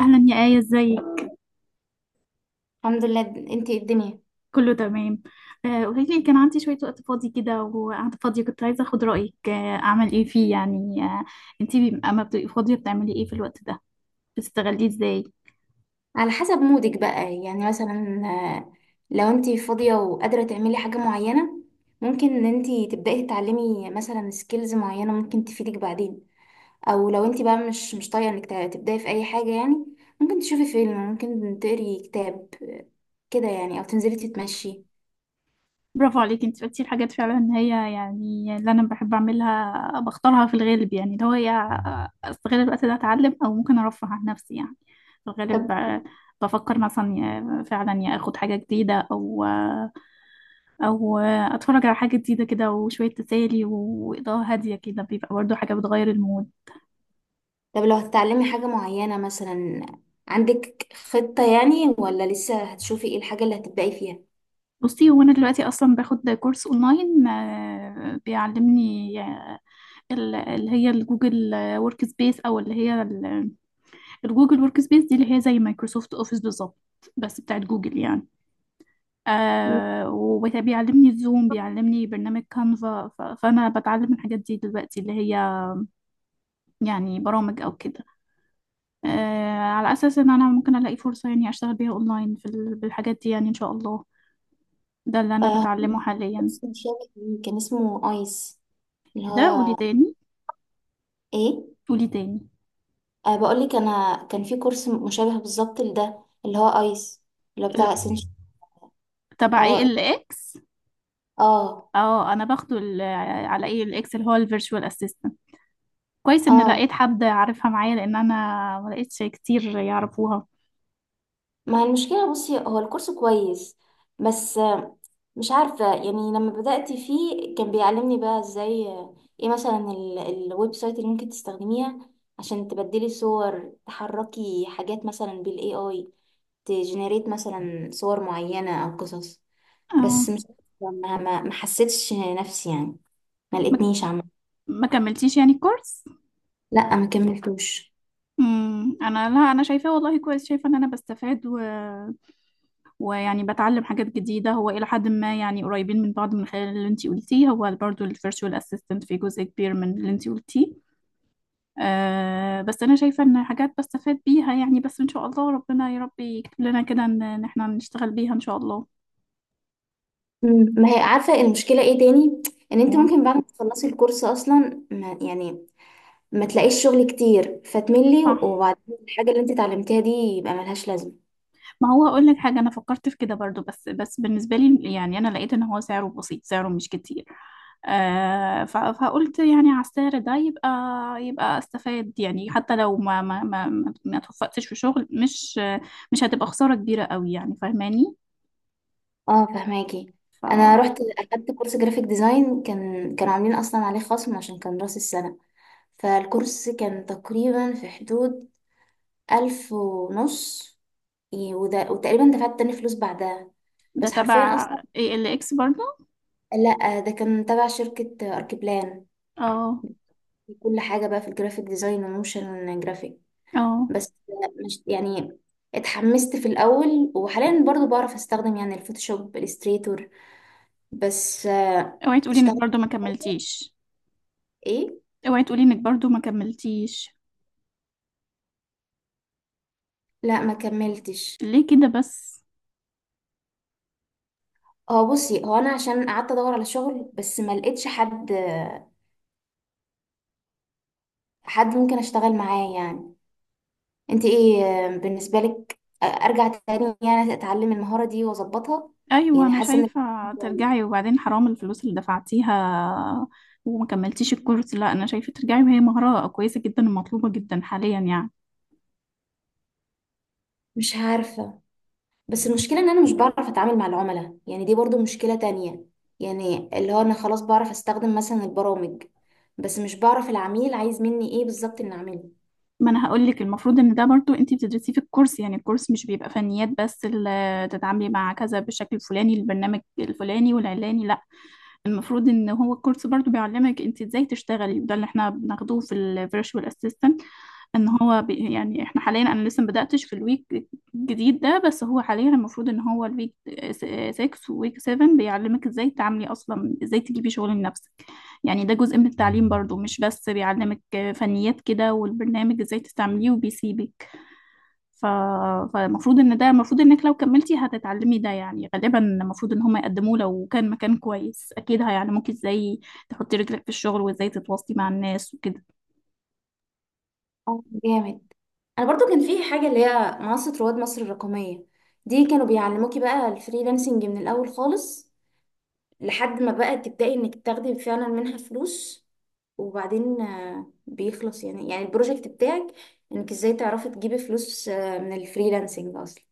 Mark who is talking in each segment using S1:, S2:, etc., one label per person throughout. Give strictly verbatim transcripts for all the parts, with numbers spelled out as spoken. S1: اهلا يا آية، ازيك؟
S2: الحمد لله. انتي ايه الدنيا؟
S1: كله تمام. آه، قولي لي، كان عندي شوية وقت فاضي كده وقاعدة فاضية، كنت عايزة اخد رأيك آه، اعمل ايه فيه يعني. آه، انتي بي- اما بتبقي فاضية بتعملي ايه في الوقت ده؟ بتستغليه ازاي؟
S2: على حسب مودك بقى، يعني مثلا آه، لو انتي فاضية وقادرة تعملي حاجة معينة، ممكن ان انتي تبدأي تتعلمي مثلا سكيلز معينة ممكن تفيدك بعدين. او لو انتي بقى مش مش طايقة انك ت- تبدأي في اي حاجة يعني، ممكن تشوفي فيلم، ممكن تقري كتاب، آه، كده يعني، او تنزلي تتمشي.
S1: برافو عليك، انت بتقولي الحاجات فعلا ان هي، يعني اللي انا بحب اعملها بختارها في الغالب، يعني اللي هو هي استغل الوقت ده اتعلم، او ممكن ارفه عن نفسي يعني. في الغالب
S2: طب
S1: آه، بفكر مثلا يا- فعلا يا اخد حاجة جديدة، او آه، او آه، اتفرج على حاجة جديدة كده، وشوية تسالي واضاءة هادية كده بيبقى برضو حاجة بتغير المود.
S2: طب لو هتتعلمي حاجة معينة مثلا، عندك خطة يعني ولا لسه هتشوفي ايه الحاجة اللي هتبدأي فيها؟
S1: بصي، هو انا دلوقتي اصلا باخد كورس اونلاين، آه، بيعلمني آه، ال- اللي هي الجوجل ورك سبيس، او اللي هي ال- الجوجل ورك سبيس دي اللي هي زي مايكروسوفت اوفيس بالظبط، بس بتاعت جوجل يعني. آه، وبيعلمني الزوم، بيعلمني برنامج كانفا. ف- فانا بتعلم الحاجات دي دلوقتي، اللي هي يعني برامج او كده، آه، على اساس ان انا ممكن الاقي فرصة يعني اشتغل بيها اونلاين في ال- بالحاجات دي يعني ان شاء الله. ده اللي انا بتعلمه حاليا.
S2: اسم شابك ليه كان اسمه ايس، اللي
S1: ده قولي
S2: هو
S1: تاني.
S2: ايه.
S1: قولي تاني.
S2: أه، بقول لك انا كان في كورس مشابه بالظبط لده، اللي هو ايس، اللي هو
S1: لا.
S2: بتاع اسنشن.
S1: تبع ايه
S2: اه،
S1: الاكس؟
S2: اه،
S1: اه، انا باخده ال- على ايه الاكس، اللي هو الفيرتشوال اسيستنت. كويس ان
S2: اه.
S1: لقيت حد عارفها معايا، لان انا ما لقيتش كتير يعرفوها.
S2: ما المشكله، بصي، هو الكورس كويس بس آه، مش عارفه يعني. لما بدات فيه كان بيعلمني بقى ازاي آه، ايه مثلا ال- الويب سايت اللي ممكن تستخدميها عشان تبدلي صور، تحركي حاجات مثلا بالاي اي، تجنريت مثلا صور معينه او قصص.
S1: اه.
S2: بس مش، ما، ما ما حسيتش نفسي يعني، ما
S1: ما
S2: لقيتنيش عامة.
S1: ما كملتيش يعني الكورس؟
S2: لا، ما كملتوش.
S1: امم انا، لا، انا شايفاه والله كويس، شايفه ان انا بستفاد، و... ويعني بتعلم حاجات جديده. هو الى حد ما يعني قريبين من بعض، من خلال اللي انتي قلتيه، هو برضو الفيرتشوال اسيستنت في جزء كبير من اللي انتي قلتيه. أه، بس انا شايفه ان حاجات بستفاد بيها يعني، بس ان شاء الله ربنا يا رب يكتب لنا كده ان إن احنا نشتغل بيها ان شاء الله.
S2: مم. ما هي عارفة المشكلة ايه تاني، ان انت
S1: قول.
S2: ممكن بعد ما تخلصي الكورس اصلا ما يعني ما تلاقيش شغل كتير فتملي،
S1: صح.
S2: وبعدين الحاجة اللي انت اتعلمتيها دي يبقى ملهاش لازمة.
S1: ما هو هقول لك حاجة، أنا فكرت في كده برضو، بس بس بالنسبة لي يعني أنا لقيت إن هو سعره بسيط، سعره مش كتير. آه، ف- فقلت يعني على السعر ده يبقى، يبقى استفاد يعني. حتى لو ما ما ما ما ما توفقتش في شغل، مش مش هتبقى خسارة كبيرة قوي يعني، فاهماني.
S2: اه، فهماكي.
S1: ف.
S2: انا رحت اخدت كورس جرافيك ديزاين، كان كانوا عاملين اصلا عليه خصم عشان كان راس السنة، فالكورس كان تقريبا في حدود ألف ونص. إيه، وده وتقريبا دفعت تاني فلوس بعدها
S1: ده
S2: بس حرفيا
S1: تبع
S2: أصلا.
S1: اي ال اكس برضو؟
S2: لأ، ده كان تبع شركة أركيبلان،
S1: اه.
S2: كل حاجة بقى في الجرافيك ديزاين وموشن جرافيك.
S1: اه.
S2: بس مش يعني، اتحمست في الأول، وحاليا برضو بعرف أستخدم يعني الفوتوشوب، الإليستريتور، بس آه،
S1: اوعي تقولي انك
S2: اشتغلت
S1: برضو ما كملتيش.
S2: ايه.
S1: اوعي تقولي انك برضو ما كملتيش.
S2: لا، ما كملتش.
S1: ليه كده بس؟
S2: هو بصي، هو انا عشان قعدت ادور على شغل بس ما لقيتش حد، حد ممكن اشتغل معاه يعني. انت ايه آه، بالنسبة لك، آه، ارجع تاني يعني اتعلم المهارة دي واظبطها؟
S1: ايوه
S2: يعني
S1: انا
S2: حاسة انك
S1: شايفه ترجعي،
S2: كويس.
S1: وبعدين حرام الفلوس اللي دفعتيها وما كملتيش الكورس. لا انا شايفه ترجعي، وهي مهاره كويسه جدا ومطلوبه جدا حاليا يعني.
S2: مش عارفة، بس المشكلة ان انا مش بعرف اتعامل مع العملاء، يعني دي برضو مشكلة تانية. يعني اللي هو انا خلاص بعرف استخدم مثلا البرامج، بس مش بعرف العميل عايز مني ايه بالظبط ان اعمله.
S1: ما انا هقول لك، المفروض ان ده برضو انت بتدرسيه في الكورس، يعني الكورس مش بيبقى فنيات بس اللي تتعاملي مع كذا بالشكل الفلاني، البرنامج الفلاني والعلاني، لا. المفروض ان هو الكورس برضو بيعلمك انت ازاي تشتغلي، وده اللي احنا بناخدوه في الفيرتشوال اسيستنت. ان هو بي يعني، احنا حاليا، انا لسه ما بداتش في الويك الجديد ده، بس هو حاليا المفروض ان هو الويك ستة وويك سبعة بيعلمك ازاي تعملي، اصلا ازاي تجيبي شغل لنفسك. يعني ده جزء من التعليم برضو، مش بس بيعلمك فنيات كده والبرنامج ازاي تستعمليه وبيسيبك. ف. فالمفروض ان ده، المفروض انك لو كملتي هتتعلمي ده يعني، غالبا المفروض ان هم يقدموه. لو كان مكان كويس اكيد هيعلموك ازاي تحطي رجلك في الشغل وازاي تتواصلي مع الناس وكده.
S2: اه جامد. انا برضو كان في حاجة اللي هي منصة رواد مصر الرقمية، دي كانوا بيعلموكي بقى الفريلانسنج من الاول خالص لحد ما بقى تبدأي انك تاخدي فعلا منها فلوس، وبعدين آه، بيخلص يعني، يعني البروجكت بتاعك، انك ازاي تعرفي تجيبي فلوس آه، من الفريلانسنج اصلا.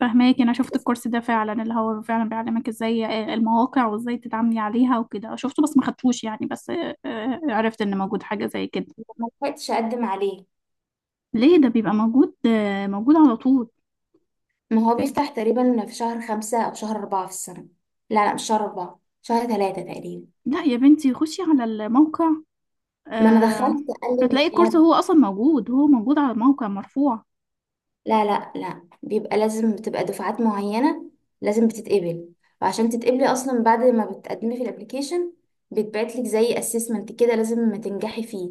S1: فهماكي، انا شفت الكورس ده فعلا، اللي هو فعلا بيعلمك ازاي آه، المواقع وازاي تتعاملي عليها وكده، شفته بس ما خدتوش يعني. بس آه، آه، عرفت ان موجود حاجة زي كده.
S2: ما لحقتش اقدم عليه.
S1: ليه؟ ده بيبقى موجود آه، موجود على طول.
S2: ما هو بيفتح تقريبا في شهر خمسة او شهر اربعة في السنة. لا لا، مش شهر اربعة، شهر ثلاثة تقريبا.
S1: لا يا بنتي، خشي على الموقع،
S2: ما انا
S1: آه،
S2: دخلت قال
S1: هتلاقي
S2: لي
S1: الكورس هو اصلا موجود، هو موجود على الموقع مرفوع.
S2: لا لا لا، بيبقى لازم بتبقى دفعات معينة لازم بتتقبل، وعشان تتقبلي أصلا بعد ما بتقدمي في الابليكيشن بيتبعتلك زي assessment كده لازم تنجحي فيه.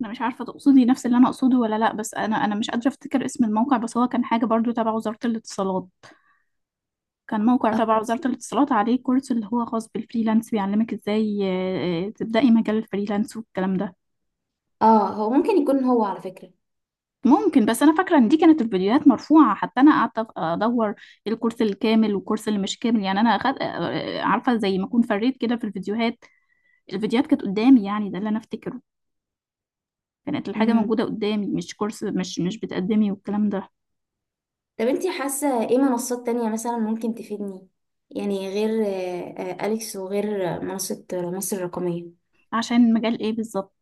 S1: انا مش عارفة تقصدي نفس اللي انا اقصده ولا لا، بس انا انا مش قادرة افتكر اسم الموقع، بس هو كان حاجة برضو تبع وزارة الاتصالات. كان موقع
S2: اه،
S1: تبع وزارة الاتصالات عليه كورس اللي هو خاص بالفريلانس، بيعلمك ازاي آه، آه، تبدأي مجال الفريلانس والكلام ده.
S2: آه، هو ممكن يكون هو على فكرة.
S1: ممكن، بس انا فاكره ان دي كانت الفيديوهات مرفوعه، حتى انا قعدت أف- ادور الكورس الكامل والكورس اللي مش كامل يعني. انا أخد آه، عارفه زي ما اكون فريت كده في الفيديوهات. الفيديوهات كانت قدامي يعني، ده اللي انا افتكره. كانت الحاجه
S2: مم.
S1: موجوده قدامي، مش كورس مش مش بتقدمي والكلام ده.
S2: طب انتي حاسة ايه منصات تانية مثلا ممكن تفيدني، يعني غير آه، آه، أليكس وغير آه، منصة مصر الرقمية؟
S1: عشان مجال ايه بالظبط؟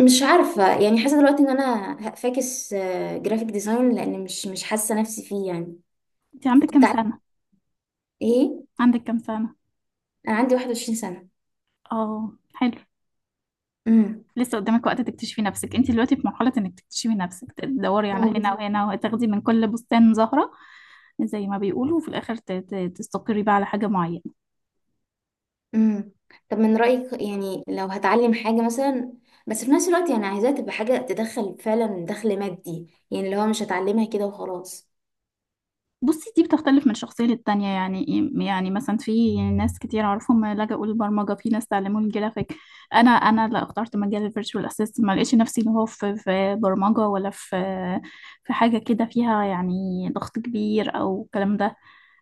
S2: مش عارفة يعني، حاسة دلوقتي ان انا فاكس جرافيك ديزاين لان مش مش حاسة نفسي فيه يعني.
S1: انت عندك
S2: فكنت
S1: كام
S2: عايزة
S1: سنه؟
S2: ايه.
S1: عندك كام سنه؟
S2: انا عندي واحد وعشرين سنة.
S1: اه حلو.
S2: امم.
S1: لسه قدامك وقت تكتشفي نفسك، انت دلوقتي في مرحلة انك تكتشفي نفسك، تدوري على
S2: اه
S1: هنا
S2: بالظبط.
S1: وهنا، وتاخدي من كل بستان زهرة زي ما بيقولوا، وفي الاخر ت- ت- تستقري بقى على حاجة معينة.
S2: امم. طب من رأيك يعني لو هتعلم حاجة مثلا، بس في نفس الوقت يعني عايزاها تبقى حاجة تدخل فعلا دخل مادي، يعني اللي هو مش هتعلمها كده وخلاص.
S1: بصي، دي بتختلف من شخصية للتانية يعني إيه؟ يعني مثلا في ناس كتير اعرفهم لجأوا للبرمجة، في ناس تعلموا الجرافيك. انا، انا لا اخترت مجال الفيرتشوال اسيست، ما لقيتش نفسي اللي هو في في برمجة ولا في في حاجة كده فيها يعني ضغط كبير او الكلام ده.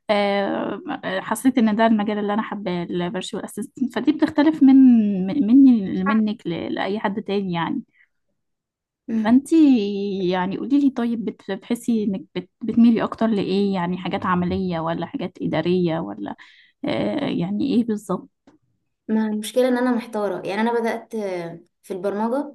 S1: آه، حسيت ان ده المجال اللي انا حباه، الفيرتشوال اسيستنت. فدي بتختلف من من- مني منك ل- لاي حد تاني يعني.
S2: امم.
S1: فانتي، يعني قولي لي طيب، بت- بتحسي انك بت- بتميلي اكتر لايه؟ يعني حاجات عملية ولا حاجات ادارية ولا آه، يعني ايه بالظبط؟
S2: ما المشكلة ان انا محتارة يعني. انا بدأت آه، في البرمجة،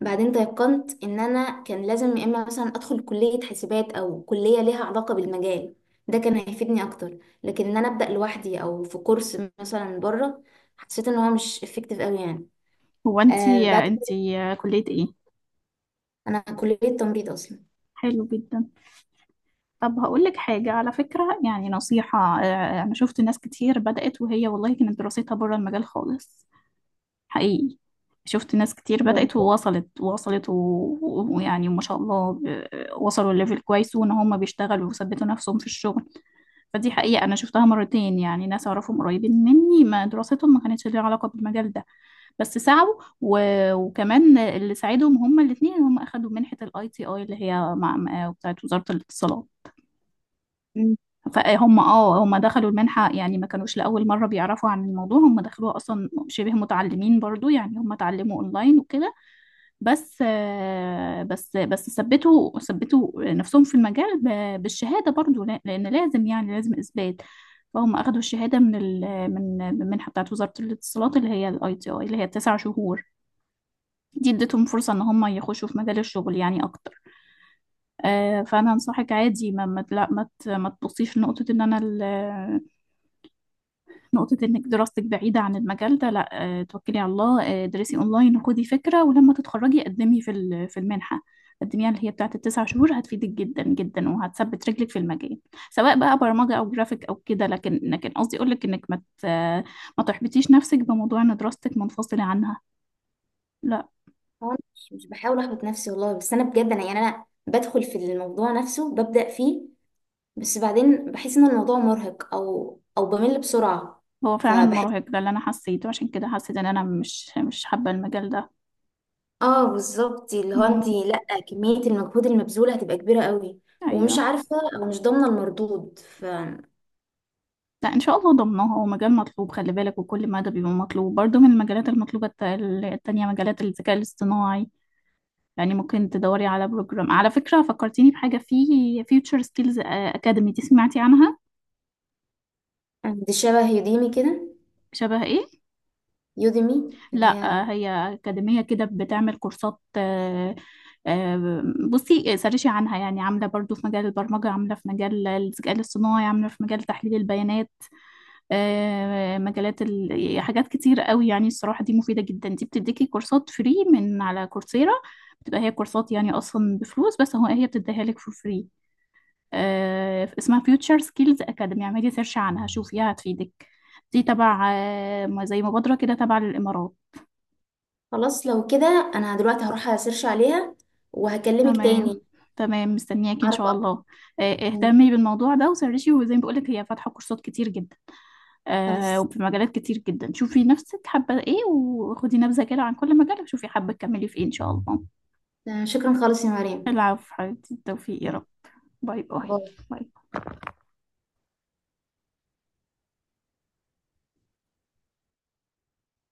S2: بعدين تيقنت ان انا كان لازم يا اما مثلا ادخل كلية حسابات او كلية ليها علاقة بالمجال، ده كان هيفيدني اكتر. لكن ان انا ابدأ لوحدي او في كورس مثلا بره، حسيت ان هو مش افكتيف قوي يعني.
S1: هو
S2: آه
S1: انتي،
S2: بعد.
S1: انتي كلية ايه؟
S2: انا كليه تمريض اصلا.
S1: حلو جدا. طب هقول لك حاجة على فكرة، يعني نصيحة، آه، انا شفت ناس كتير بدأت وهي والله كانت دراستها بره المجال خالص، حقيقي. شفت ناس كتير بدأت
S2: برضه.
S1: ووصلت ووصلت و- و- ويعني ما شاء الله، ب، وصلوا لليفل كويس وان هم بيشتغلوا وثبتوا نفسهم في الشغل. فدي حقيقة انا شفتها مرتين، يعني ناس اعرفهم قريبين مني ما دراستهم ما كانتش ليها علاقة بالمجال ده، بس سعوا. و، وكمان اللي ساعدهم هم الاثنين، هم اخدوا منحة الاي تي اي اللي هي مع مع- بتاعت وزارة الاتصالات.
S2: مم.
S1: فهم اه، هم دخلوا المنحة يعني، ما كانوش لأول مرة بيعرفوا عن الموضوع، هم دخلوها أصلا شبه متعلمين برضو يعني، هم اتعلموا أونلاين وكده. بس آه، بس بس ثبتوا، ثبتوا نفسهم في المجال ب- بالشهادة برضو، لا- لأن لازم يعني لازم إثبات. فهم أخدوا الشهادة من ال من من المنحة بتاعت وزارة الاتصالات، اللي هي الاي تي اي، اللي هي التسع شهور دي، ادتهم فرصة إن هم يخشوا في مجال الشغل يعني أكتر. آه، فأنا أنصحك عادي، ما ما لا ما ت- ما تبصيش لنقطة إن أنا، نقطة إنك دراستك بعيدة عن المجال ده، لا. آه، توكلي على الله، آه، درسي أونلاين وخدي فكرة، ولما تتخرجي قدمي في ال- في المنحة، قدميها، اللي هي بتاعة التسع شهور، هتفيدك جدا جدا، وهتثبت رجلك في المجال، سواء بقى برمجة أو جرافيك أو كده. لكن لكن قصدي أقولك إنك ما ت- آه، ما تحبطيش نفسك بموضوع إن دراستك منفصلة عنها، لا.
S2: هو أنا مش مش بحاول احبط نفسي والله، بس انا بجد انا يعني انا بدخل في الموضوع نفسه ببدأ فيه، بس بعدين بحس ان الموضوع مرهق، او او بمل بسرعة.
S1: هو فعلا
S2: فبحس،
S1: مرهق، ده اللي أنا حسيته، عشان كده حسيت إن أنا مش مش حابة المجال ده.
S2: اه بالظبط اللي هو انت
S1: مم.
S2: لا، كمية المجهود المبذول هتبقى كبيرة قوي، ومش
S1: أيوه.
S2: عارفة او مش ضامنة المردود، ف
S1: لا ان شاء الله ضمنها، هو مجال مطلوب خلي بالك، وكل مادة بيبقى مطلوب برضه. من المجالات المطلوبة الت- التانية مجالات الذكاء الاصطناعي. يعني ممكن تدوري على بروجرام، على فكرة فكرتيني بحاجة، في فيوتشر سكيلز اكاديمي، دي سمعتي عنها؟
S2: دي شبه يوديمي كده.
S1: شبه ايه؟
S2: يوديمي. اللي
S1: لا آه،
S2: هي،
S1: هي أكاديمية كده بتعمل كورسات. آه، آه، بصي سرشي عنها يعني، عاملة برضو في مجال البرمجة، عاملة في مجال الذكاء الاصطناعي، عاملة في مجال تحليل البيانات، آه، مجالات، ال... يعني حاجات كتير قوي يعني، الصراحة دي مفيدة جدا. دي بتديكي كورسات فري من على كورسيرا، بتبقى هي كورسات يعني أصلا بفلوس، بس هو هي بتديها لك فور فري. آه، اسمها فيوتشر سكيلز أكاديمي، اعملي سيرش عنها شوفيها هتفيدك. دي تبع آه، ما- زي مبادرة كده تبع للإمارات.
S2: خلاص. لو كده انا دلوقتي هروح اسيرش عليها وهكلمك
S1: تمام.
S2: تاني.
S1: تمام مستنياكي إن
S2: اعرف
S1: شاء
S2: اكتر.
S1: الله. آه،
S2: مم.
S1: اهتمي بالموضوع ده وسرشي، وزي ما بقولك هي فاتحة كورسات كتير جدا، آه،
S2: خلاص،
S1: وفي مجالات كتير جدا، شوفي نفسك حابة ايه، وخدي نبذة كده عن كل مجال، وشوفي حابة تكملي في ايه ان شاء الله.
S2: آه، شكرا خالص يا مريم.
S1: العفو حبيبتي، التوفيق يا رب. باي باي.
S2: باي.
S1: باي.